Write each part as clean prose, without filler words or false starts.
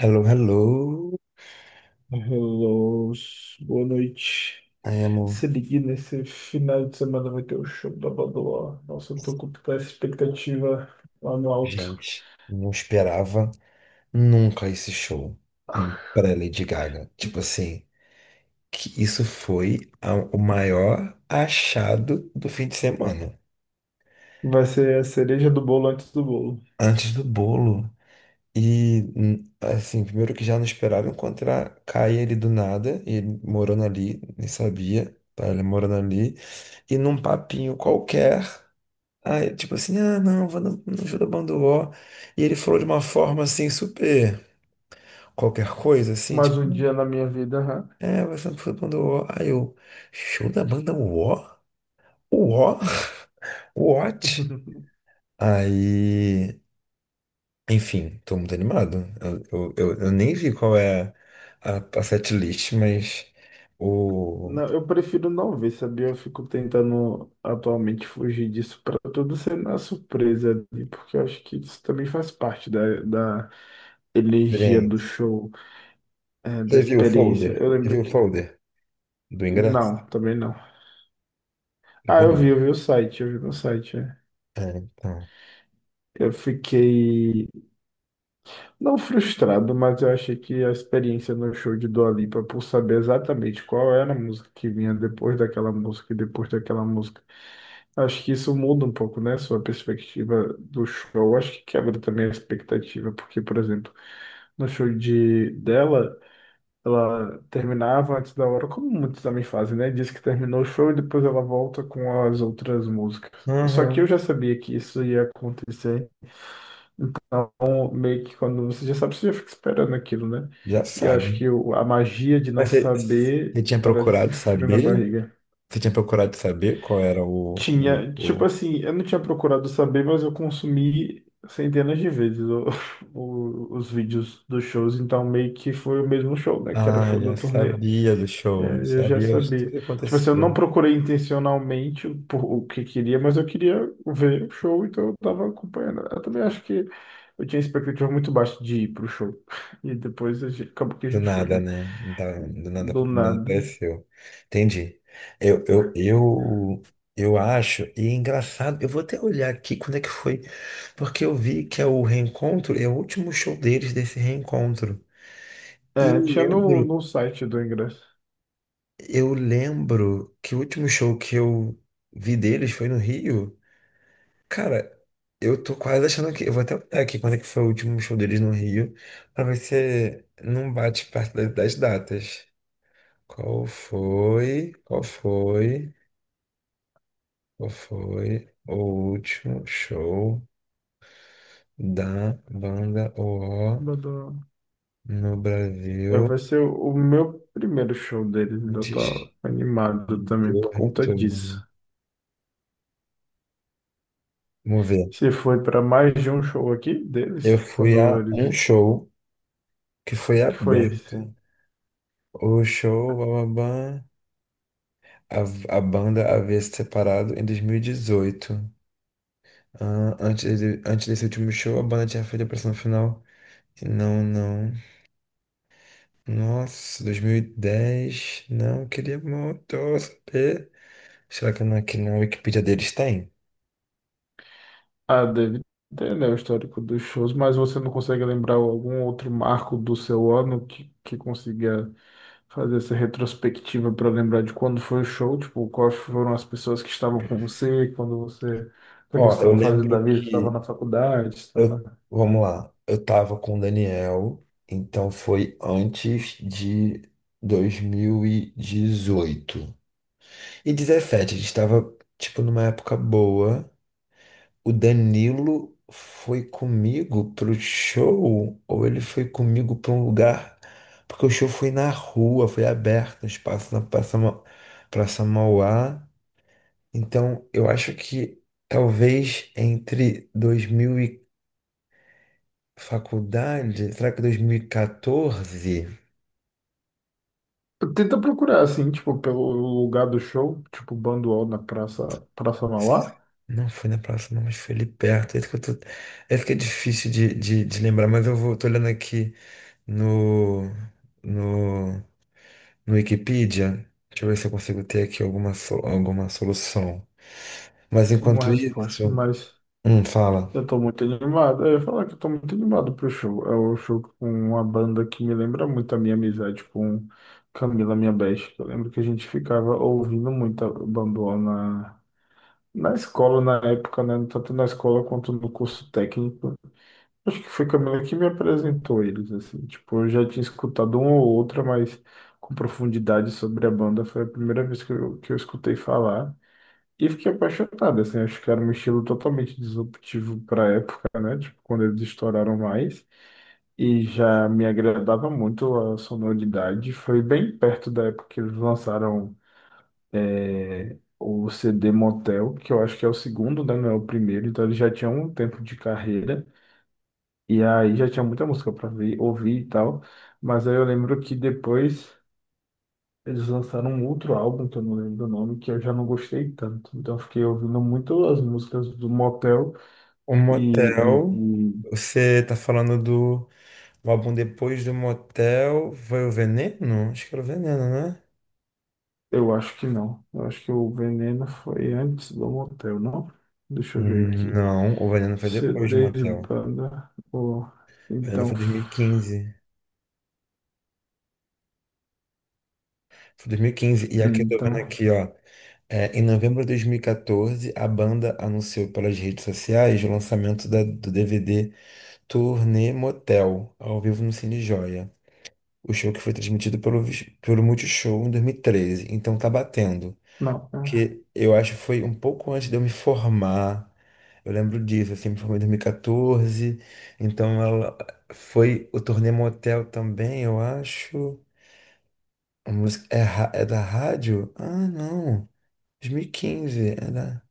Hello, hello. Hello, boa noite. I am... Se ligue nesse final de semana vai ter o show da Badoa. Nossa, eu tô com toda essa expectativa lá no alto. Gente, não esperava nunca esse show para Lady Gaga. Tipo assim, que isso foi o maior achado do fim de semana. Vai ser a cereja do bolo antes do bolo. Antes do bolo. E, assim, primeiro que já não esperaram encontrar Caia ele do nada, e ele morando ali, nem sabia, tá? Ele morando ali. E num papinho qualquer. Aí, tipo assim, ah, não, vou no show da banda UO. E ele falou de uma forma assim, super qualquer coisa, assim, Mais tipo, um dia na minha vida, hã? é, vai ser no show da banda UO. Aí eu, show da banda UO? O U O? What? Aí, enfim, tô muito animado. Eu nem vi qual é a setlist, mas o. Não, eu prefiro não ver, sabia? Eu fico tentando atualmente fugir disso pra tudo ser na surpresa ali, porque eu acho que isso também faz parte da energia Bem, do show, é, da você viu o experiência. folder? Eu Você lembro viu o que. folder do ingresso? Não, também não. É Ah, bonito. eu vi o site, eu vi no site. É. É, então. Eu fiquei, não frustrado, mas eu achei que a experiência no show de Dua Lipa, por saber exatamente qual era a música que vinha depois daquela música e depois daquela música, acho que isso muda um pouco, né? Sua perspectiva do show, acho que quebra também a expectativa, porque, por exemplo, no show de dela. Ela terminava antes da hora, como muitos também fazem, né? Diz que terminou o show e depois ela volta com as outras músicas. Só que eu Aham. já sabia que isso ia acontecer. Então, meio que quando você já sabe, você já fica esperando aquilo, né? Já E eu acho sabe. que o- a magia de não Mas você saber tinha traz esse procurado frio na saber? barriga. Você tinha procurado saber qual era o, Tinha, tipo assim, eu não tinha procurado saber, mas eu consumi centenas de vezes o- o- os vídeos dos shows, então meio que foi o mesmo show, né? Que era o ah, show da já turnê. sabia do É, show, já eu já sabia de tudo sabia. que Tipo assim, eu não acontecia. procurei intencionalmente por o que queria, mas eu queria ver o show, então eu tava acompanhando. Eu também acho que eu tinha expectativa muito baixa de ir pro show. E depois a gente- acabou que a Do gente foi, nada, né? né? Do Do nada nada. apareceu. Entendi. Eu, eu, eu, eu acho, e é engraçado, eu vou até olhar aqui quando é que foi, porque eu vi que é o reencontro, é o último show deles desse reencontro. E É, tinha no, lembro, no site do ingresso. eu lembro que o último show que eu vi deles foi no Rio. Cara, eu tô quase achando que. Eu vou até olhar aqui quando é que foi o último show deles no Rio, pra ver se não bate perto das datas. Qual foi? Qual foi? Qual foi o último show da banda Do- O do- no é, Brasil vai ser o meu primeiro show deles, ainda antes tô animado também do por conta retorno? disso. Vamos ver. Você foi para mais de um show aqui deles? Eu fui Quando a um eles. show que foi Que foi esse? aberto. O show, bababá. A banda havia se separado em 2018. Ah, antes, antes desse último show, a banda tinha feito a pressão final. Não, não. Nossa, 2010. Não, queria muito saber. Será que aqui na Wikipedia deles tem? Ah, deve ter, né, o histórico dos shows, mas você não consegue lembrar algum outro marco do seu ano que consiga fazer essa retrospectiva para lembrar de quando foi o show, tipo, quais foram as pessoas que estavam com você, quando você, o que você Ó, eu estava fazendo da lembro vida, estava que. na faculdade, Eu, estava... vamos lá. Eu tava com o Daniel, então foi antes de 2018 e 2017. A gente tava, tipo, numa época boa. O Danilo foi comigo pro show, ou ele foi comigo para um lugar, porque o show foi na rua, foi aberto, no espaço na Praça, Praça Mauá. Então, eu acho que talvez entre 2000 e faculdade, será que 2014? Tenta procurar, assim, tipo, pelo lugar do show, tipo, Banduol na Praça, Praça Mauá. Não foi na próxima, mas foi ali perto. Esse que eu tô... Esse que é difícil de lembrar, mas eu vou, tô olhando aqui no, no no Wikipedia. Deixa eu ver se eu consigo ter aqui alguma, alguma solução. Mas Uma enquanto resposta, isso, mas fala. eu tô muito animado. Eu ia falar que eu tô muito animado pro show. É o show com uma banda que me lembra muito a minha amizade com Camila, minha best. Eu lembro que a gente ficava ouvindo muita Bamboa na, na escola na época, né? Tanto na escola quanto no curso técnico. Acho que foi Camila que me apresentou eles, assim. Tipo, eu já tinha escutado uma ou outra, mas com profundidade sobre a banda foi a primeira vez que eu escutei falar. E fiquei apaixonado, assim, acho que era um estilo totalmente disruptivo para a época, né? Tipo, quando eles estouraram mais. E já me agradava muito a sonoridade. Foi bem perto da época que eles lançaram é, o CD Motel, que eu acho que é o segundo, né? Não é o primeiro. Então eles já tinham um tempo de carreira. E aí já tinha muita música para ouvir e tal. Mas aí eu lembro que depois. Eles lançaram um outro álbum, que eu não lembro o nome, que eu já não gostei tanto. Então eu fiquei ouvindo muito as músicas do Motel O e, motel, e- e você tá falando do o álbum depois do motel, foi o Veneno? Acho que era o Veneno, né? eu acho que não. Eu acho que o Veneno foi antes do Motel, não? Deixa eu ver aqui. não, o Veneno foi depois do CDs, motel. banda. Ou O Veneno então, foi 2015. Foi 2015. E quinze. E aqui eu tô vendo então, aqui, ó. É, em novembro de 2014, a banda anunciou pelas redes sociais o lançamento do DVD Turnê Motel, ao vivo no Cine Joia. O show que foi transmitido pelo, pelo Multishow em 2013. Então tá batendo. não. É Que eu acho que foi um pouco antes de eu me formar. Eu lembro disso, assim, me formei em 2014. Então ela foi o Turnê Motel também, eu acho. A música é, é da rádio? Ah, não. 2015,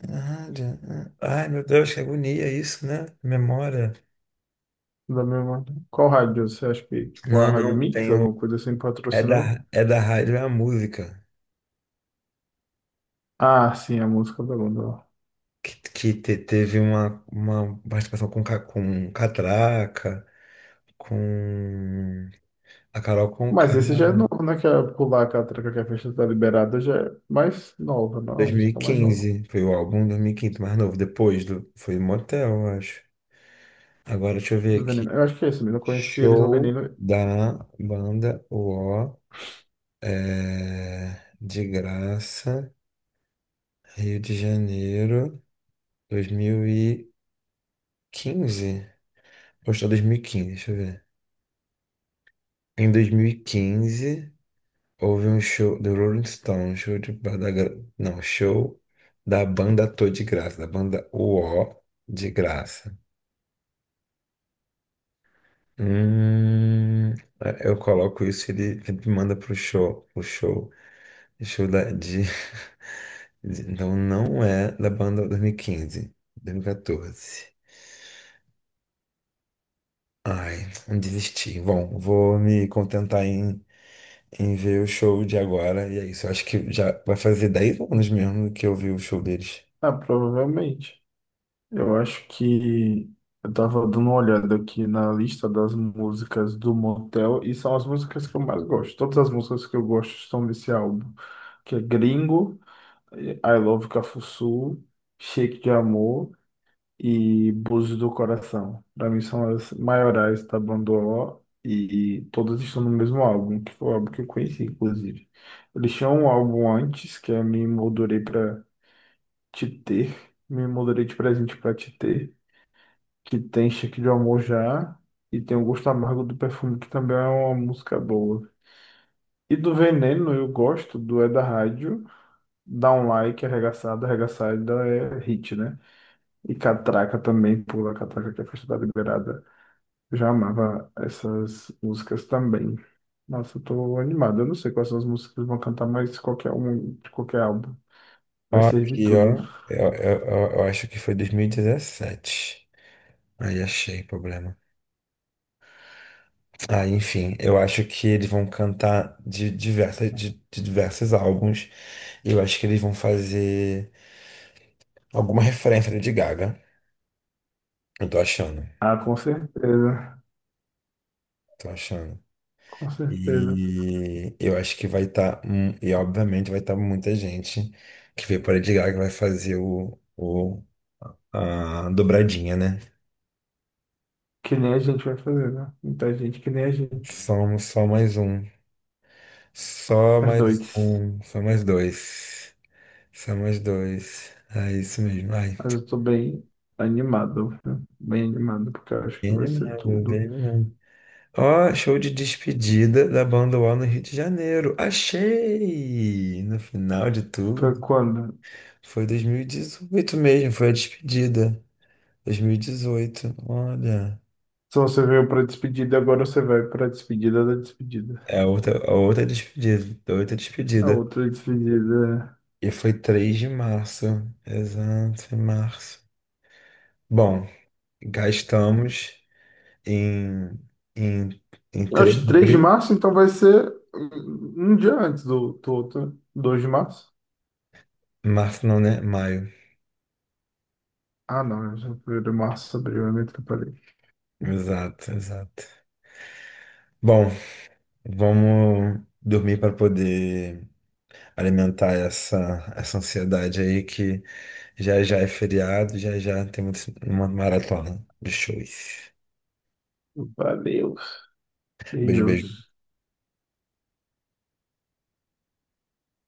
é da rádio. Ah. Ai, meu Deus, que agonia isso, né? Memória. da mesma. Qual rádio? Você acha que, tipo, a Não, Rádio não, Mix, tem. alguma coisa assim, patrocinou? É da rádio, é a música Ah, sim, a música da banda. Que teve uma participação com, com Catraca, com a Carol Conká, Mas esse já é novo, né? Que é pular a catraca que a festa tá liberada já é mais nova, não? A música é mais nova 2015, foi o álbum 2015 mais novo, depois do, foi Motel, eu acho. Agora deixa eu ver do Veneno. aqui, Eu acho que é isso mesmo. Eu conheci eles no show Veneno. da banda O é, de graça, Rio de Janeiro, 2015, postou 2015, deixa eu ver. Em 2015 houve um show do Rolling Stone, show de banda, não, show da banda Tô de Graça, da banda U O de Graça. Hum, eu coloco isso, ele manda pro show, o show, show da, de, então não é da banda dois mil e quinze, dois mil e 2014. Ai, desisti. Bom, vou me contentar em ver o show de agora. E é isso. Eu acho que já vai fazer 10 anos mesmo que eu vi o show deles. Ah, provavelmente. Eu acho que eu tava dando uma olhada aqui na lista das músicas do Motel e são as músicas que eu mais gosto. Todas as músicas que eu gosto estão nesse álbum, que é Gringo, I Love Cafuçu, Shake de Amor. E Búzios do Coração. Pra mim são as maiorais da banda O e todas estão no mesmo álbum, que foi o álbum que eu conheci, inclusive. Eles tinham um álbum antes, que é Me Moldurei Pra Te Ter, Me Moldurei de Presente Pra Te Ter, que tem Cheque de Amor Já e tem O Gosto Amargo do Perfume, que também é uma música boa. E do Veneno eu gosto, do É da Rádio, Dá um Like, Arregaçada, arregaçada é hit, né? E catraca também, pula catraca que é festa da liberada. Eu já amava essas músicas também. Nossa, eu tô animado. Eu não sei quais são as músicas que eles vão cantar, mas qualquer um de qualquer álbum vai Ó, servir aqui, ó. tudo. Eu acho que foi 2017. Aí achei problema. Ah, enfim, eu acho que eles vão cantar de, diversas, de diversos álbuns. E eu acho que eles vão fazer alguma referência de Gaga. Eu tô achando. Ah, com certeza. Tô achando. Com certeza. E eu acho que vai estar, e obviamente vai estar muita gente que veio para Lady Gaga vai fazer o a dobradinha, né? Que nem a gente vai fazer, né? Muita gente, que nem a gente. Só, só mais um, só As mais dois. um, só mais dois, só mais dois. É isso mesmo. Ai, Mas eu tô bem animado, viu? Bem animado, porque eu acho que vai ele ser mesmo, tudo. ele mesmo. Ó, show de despedida da banda UOL no Rio de Janeiro. Achei! No final de Foi tudo, quando? foi 2018 mesmo, foi a despedida. 2018, olha. Se você veio pra despedida, agora você vai pra despedida da despedida. É a outra despedida, a outra A despedida. outra despedida. E foi 3 de março, exato, em março. Bom, gastamos em, em, em 3 Acho que de 3 de abril, março, então vai ser um um dia antes do, do outro, 2 de março. março não, né? Maio, Ah, não, é 1 de março, abril, é meio atrapalhei. exato, exato. Bom, vamos dormir para poder alimentar essa ansiedade aí que já já é feriado, já já temos uma maratona de shows. Valeu. Beijo, beijo. Beijos.